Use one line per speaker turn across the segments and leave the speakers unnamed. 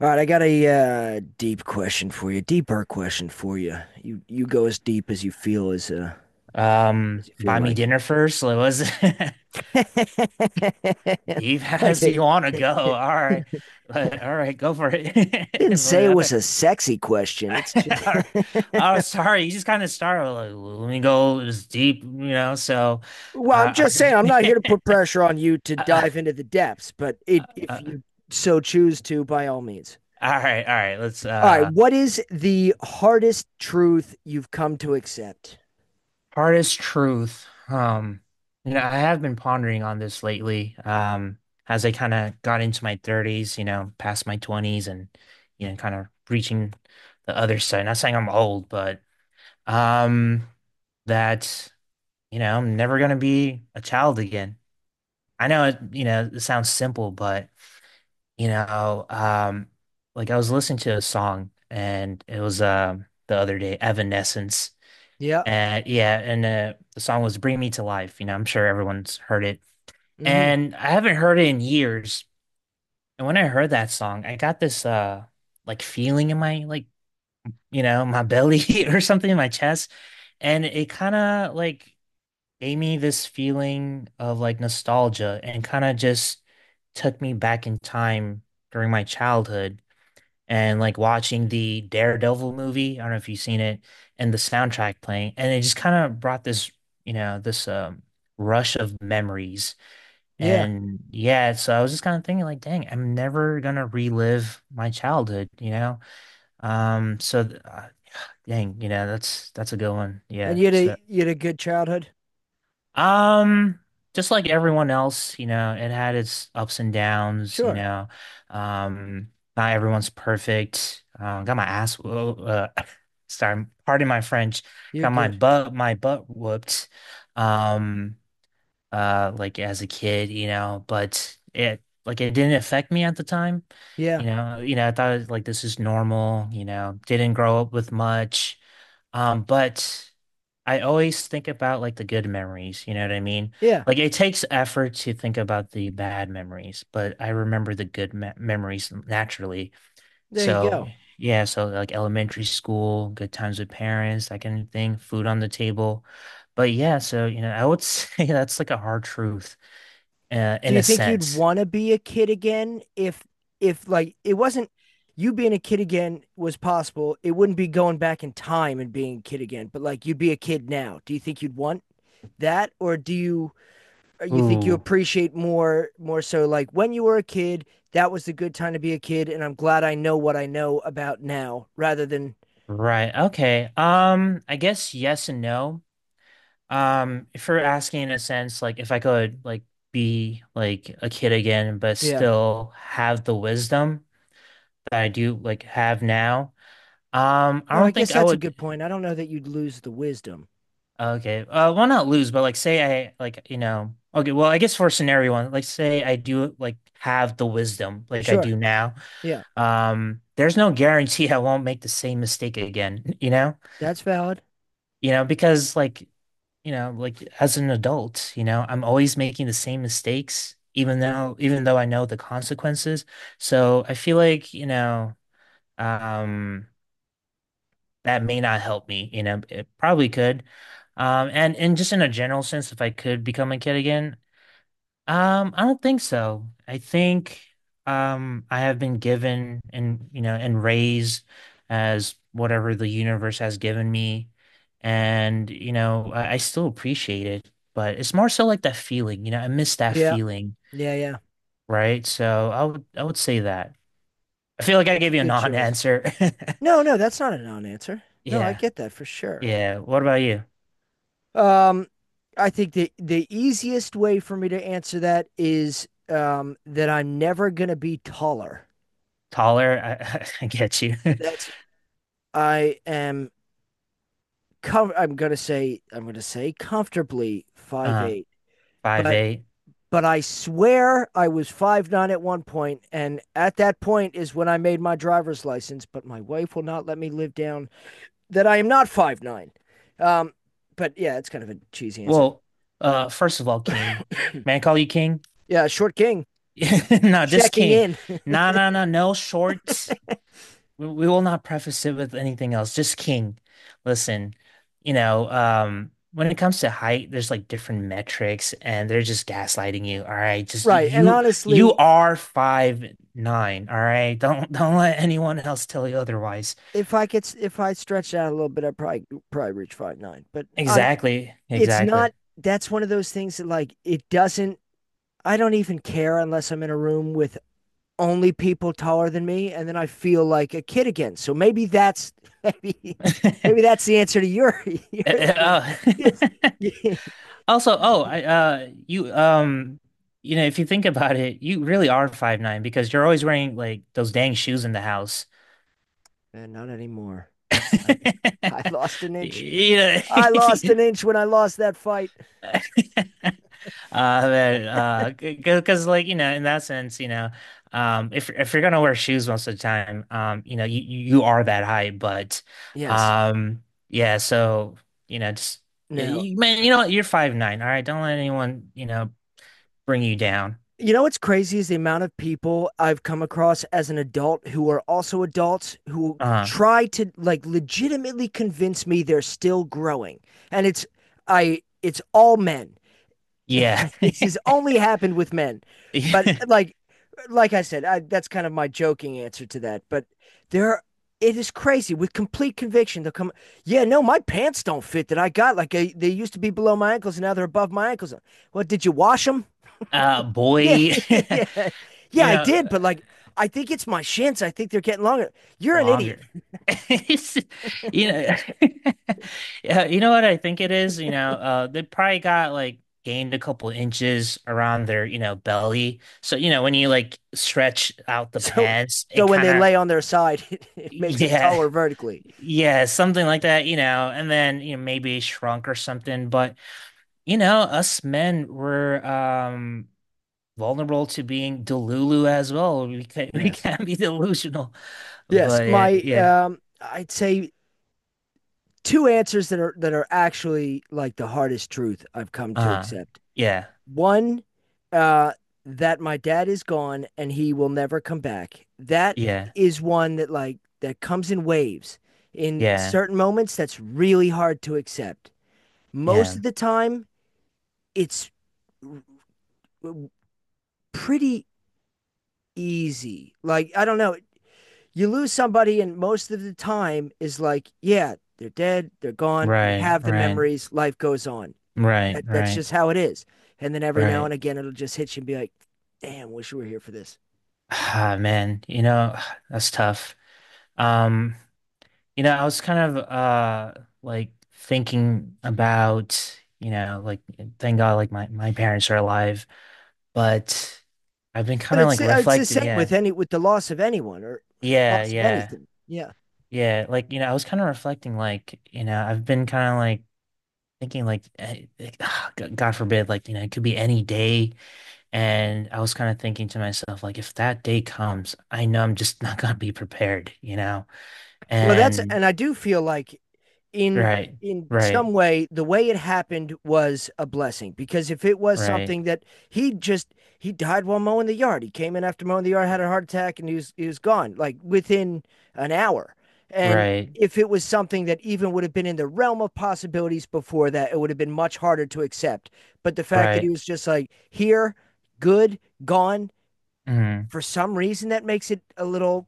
All right, I got a deep question for you, deeper question for you. You go as deep as you feel
Buy me
like.
dinner first. It was deep as
Okay,
you want to go. All right. But, all right, go for it.
didn't say
But
it
I
was
bet.
a sexy question. It's just
Oh, sorry. You just kind of start with like, let me go as deep, you know. So,
well, I'm just saying I'm
all
not here to
right.
put pressure on you to
uh,
dive into the depths, but it if
uh,
you so choose to, by all means.
all right, all right. Let's
All right, what is the hardest truth you've come to accept?
Hardest truth. You know, I have been pondering on this lately. As I kind of got into my thirties, you know, past my twenties and you know, kind of reaching the other side. Not saying I'm old, but um that, you know, I'm never gonna be a child again. I know it, you know, it sounds simple, but you know, um like I was listening to a song and it was the other day, Evanescence.
Yeah.
Yeah, and the song was "Bring Me to Life." You know, I'm sure everyone's heard it,
Hmm.
and I haven't heard it in years. And when I heard that song, I got this like feeling in my like you know my belly or something in my chest, and it kind of like gave me this feeling of like nostalgia and kind of just took me back in time during my childhood and like watching the Daredevil movie. I don't know if you've seen it, and the soundtrack playing, and it just kind of brought this, you know, this rush of memories.
Yeah.
And yeah, so I was just kind of thinking like, dang, I'm never gonna relive my childhood, you know? Um, so th- uh, dang, you know, that's a good one.
And
Yeah. So
you had a good childhood?
um, just like everyone else, you know, it had its ups and downs, you
Sure.
know. Um, not everyone's perfect. Got my ass, whoa, sorry, pardon my French.
You're
Got
good.
my butt whooped. Um, like as a kid, you know, but it like it didn't affect me at the time.
Yeah.
You know, I thought like this is normal, you know, didn't grow up with much. But I always think about like the good memories, you know what I mean?
Yeah.
Like it takes effort to think about the bad memories, but I remember the good me memories naturally.
There you
So,
go.
yeah, so like elementary school, good times with parents, that kind of thing, food on the table. But yeah, so you know, I would say that's like a hard truth,
Do
in
you
a
think you'd
sense.
want to be a kid again if like it wasn't you being a kid again was possible? It wouldn't be going back in time and being a kid again, but like you'd be a kid now. Do you think you'd want that, or do you or you think you
Ooh,
appreciate more so like when you were a kid, that was the good time to be a kid and I'm glad I know what I know about now rather than
right. Okay. I guess yes and no. If you're asking in a sense, like if I could like be like a kid again, but
yeah.
still have the wisdom that I do like have now, I
Oh, I
don't
guess
think I
that's a
would.
good point. I don't know that you'd lose the wisdom.
Okay, well, not lose, but like say I like you know. Okay, well, I guess for scenario one, like say I do like have the wisdom like I
Sure.
do now.
Yeah.
There's no guarantee I won't make the same mistake again, you know?
That's valid.
You know, because like you know, like as an adult, you know, I'm always making the same mistakes, even though I know the consequences. So I feel like, you know, um, that may not help me, you know, it probably could. And just in a general sense, if I could become a kid again, I don't think so. I think I have been given and you know and raised as whatever the universe has given me. And you know, I still appreciate it, but it's more so like that feeling, you know, I miss that
Yeah.
feeling,
Yeah, yeah.
right? So I would say that. I feel like I
It's a
gave you a
good choice.
non-answer.
No, no, that's not a non-answer. No, I
Yeah.
get that for sure.
Yeah. What about you?
Um, I think the easiest way for me to answer that is that I'm never gonna be taller.
Taller? I, I get you.
That's I am com I'm gonna say comfortably five
Uh,
eight.
five
But
eight.
but I swear I was 5'9" at one point, and at that point is when I made my driver's license, but my wife will not let me live down that I am not 5'9". Um, but yeah, it's kind of a cheesy answer.
Well, first of all, King. May I call you King?
Yeah, short king
Yeah, No, just
checking
king.
in.
No, no, no, no shorts. We will not preface it with anything else. Just king. Listen, you know, when it comes to height, there's like different metrics, and they're just gaslighting you. All right, just
Right. And
you, you
honestly,
are 5'9". All right, don't don't let anyone else tell you otherwise.
if I could, if I stretched out a little bit, I'd probably reach 5'9". But on,
Exactly,
it's
exactly.
not. That's one of those things that like it doesn't. I don't even care unless I'm in a room with only people taller than me, and then I feel like a kid again. So maybe that's maybe maybe that's the answer to your
Uh,
your thing.
uh, oh.
Yeah.
Also, oh, I you you know, if you think about it, you really are 5'9" because you're always wearing like those dang shoes in the house.
And not anymore. I I lost an inch.
You know,
I lost an inch when I lost that fight.
uh, because like you know, in that sense, you know, if you're gonna wear shoes most of the time, you know, you are that height, but,
Yes.
um, yeah, so you know, just
Now
man, you know, what, you're 5'9", all right, don't let anyone you know bring you down.
you know what's crazy is the amount of people I've come across as an adult who are also adults who
uh
try to like legitimately convince me they're still growing. And it's I it's all men.
Yeah.
This has only happened with men. But like I said, I, that's kind of my joking answer to that. But there, are, it is crazy with complete conviction. They'll come, yeah, no, my pants don't fit that I got. Like I, they used to be below my ankles, and now they're above my ankles. Well, did you wash them? Yeah,
Boy,
yeah, yeah, yeah. Yeah,
you
I did,
know,
but like, I think it's my shins. I think they're getting longer. You're an idiot.
longer. It's, you know, yeah, you know what I think it is? You know, they probably got like gained a couple inches around their, you know, belly. So, you know, when you like stretch out the
So,
pants,
so
it
when
kind
they
of,
lay on their side, it makes them
yeah,
taller vertically.
yeah, something like that, you know, and then, you know, maybe shrunk or something. But, you know, us men were, vulnerable to being delulu as well. We can we
Yes,
can be delusional,
yes.
but yeah,
My,
yeah,
I'd say two answers that are actually like the hardest truth I've come to
uh,
accept.
yeah,
One, uh, that my dad is gone and he will never come back. That
yeah,
is one that like that comes in waves. In
yeah,
certain moments, that's really hard to accept. Most
yeah.
of the time, it's pretty easy. Like I don't know, you lose somebody, and most of the time is like, yeah, they're dead, they're gone. We
Right,
have the
right,
memories. Life goes on,
right,
that's
right,
just how it is. And then every now
right.
and again, it'll just hit you and be like, "Damn, wish we were here for this."
Ah, man, you know, that's tough. Um, you know, I was kind of like thinking about, you know, like thank God like my parents are alive, but I've been
But
kind of
it's
like
it's the
reflecting,
same
yeah.
with any with the loss of anyone or
Yeah,
loss of
yeah.
anything. Yeah.
Yeah, like you know, I was kind of reflecting, like you know, I've been kind of like thinking, like, eh, like, ah, God forbid, like you know, it could be any day, and I was kind of thinking to myself, like, if that day comes, I know I'm just not gonna be prepared, you know,
Well, that's
and
and I do feel like in
right,
in
right,
some way the way it happened was a blessing, because if it was
right,
something that he just he died while mowing the yard. He came in after mowing the yard, had a heart attack, and he was gone like within an hour. And
right,
if it was something that even would have been in the realm of possibilities before that, it would have been much harder to accept. But the fact that he
right,
was just like here, good, gone,
mm,
for some reason that makes it a little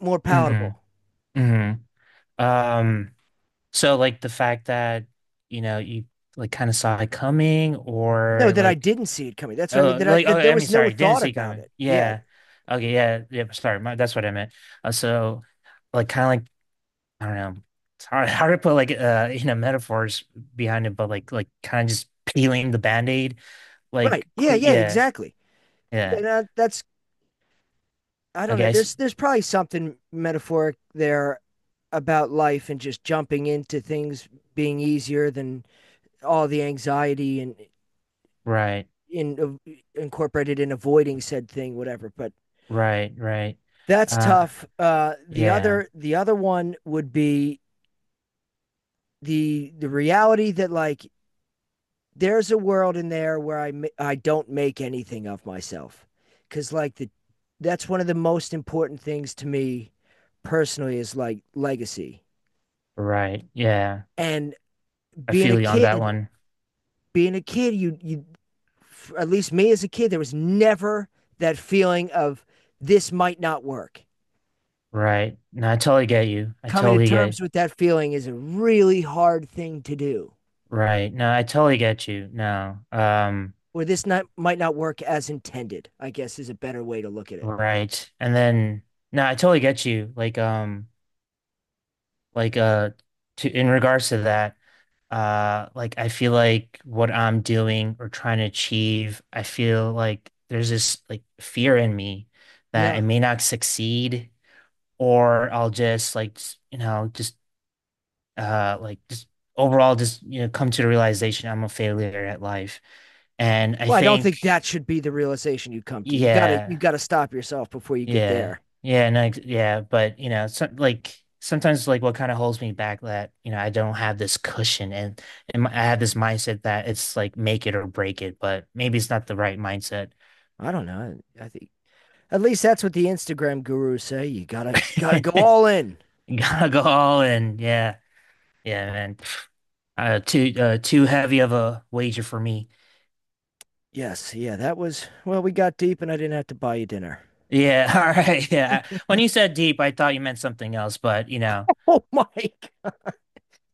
more
mm,
palatable.
mm. Um, so like the fact that you know you like kind of saw it coming,
No,
or
that I
like.
didn't see it coming. That's what I mean.
Oh,
That I
like oh,
that there
I mean,
was no
sorry, didn't
thought
see
about
coming.
it. Yeah.
Yeah. Okay, yeah, yeah. Sorry, my, that's what I meant. So, like, kind of like I don't know. It's hard, hard to put like you know, metaphors behind it, but like kind of just peeling the band-aid,
Right.
like,
Yeah.
quick.
Yeah.
Yeah,
Exactly.
yeah.
And that's I don't
Okay,
know.
I s
There's probably something metaphoric there about life and just jumping into things being easier than all the anxiety and
right,
in incorporated in avoiding said thing, whatever. But
right, right.
that's
Uh,
tough. The
yeah,
other the other one would be the reality that like there's a world in there where I don't make anything of myself, cuz like the that's one of the most important things to me personally is like legacy.
right, yeah.
And
I
being a
feel you on that
kid,
one.
being a kid you at least me as a kid there was never that feeling of this might not work.
Right. No, I totally get you. I
Coming to
totally get.
terms with that feeling is a really hard thing to do.
Right. No, I totally get you. No.
Or this not, might not work as intended, I guess, is a better way to look at it.
Right. And then no, I totally get you. Like to in regards to that, like I feel like what I'm doing or trying to achieve, I feel like there's this like fear in me that I
Yeah.
may not succeed or I'll just like you know just like just overall just you know come to the realization I'm a failure at life. And I
Well, I don't
think
think that should be the realization you come to. You gotta you
yeah,
gotta stop yourself before you get
Yeah.
there.
Yeah. No, ex- yeah. But, you know, some, like sometimes, like what kind of holds me back that, you know, I don't have this cushion and I have this mindset that it's like make it or break it, but maybe it's not the right mindset.
I don't know. I think at least that's what the Instagram gurus say. You gotta go all in.
You gotta go all in. Yeah. Yeah, man. Too heavy of a wager for me.
Yes, yeah, that was well, we got deep and I didn't have to buy you dinner.
Yeah. All right. Yeah. When you said deep, I thought you meant something else, but, you know,
Oh my God.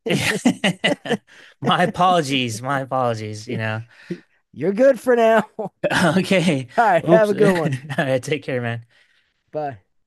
my apologies. My apologies, you know.
You're good for now. All
Okay.
right, have a
Oops. All
good one.
right, take care, man.
Bye.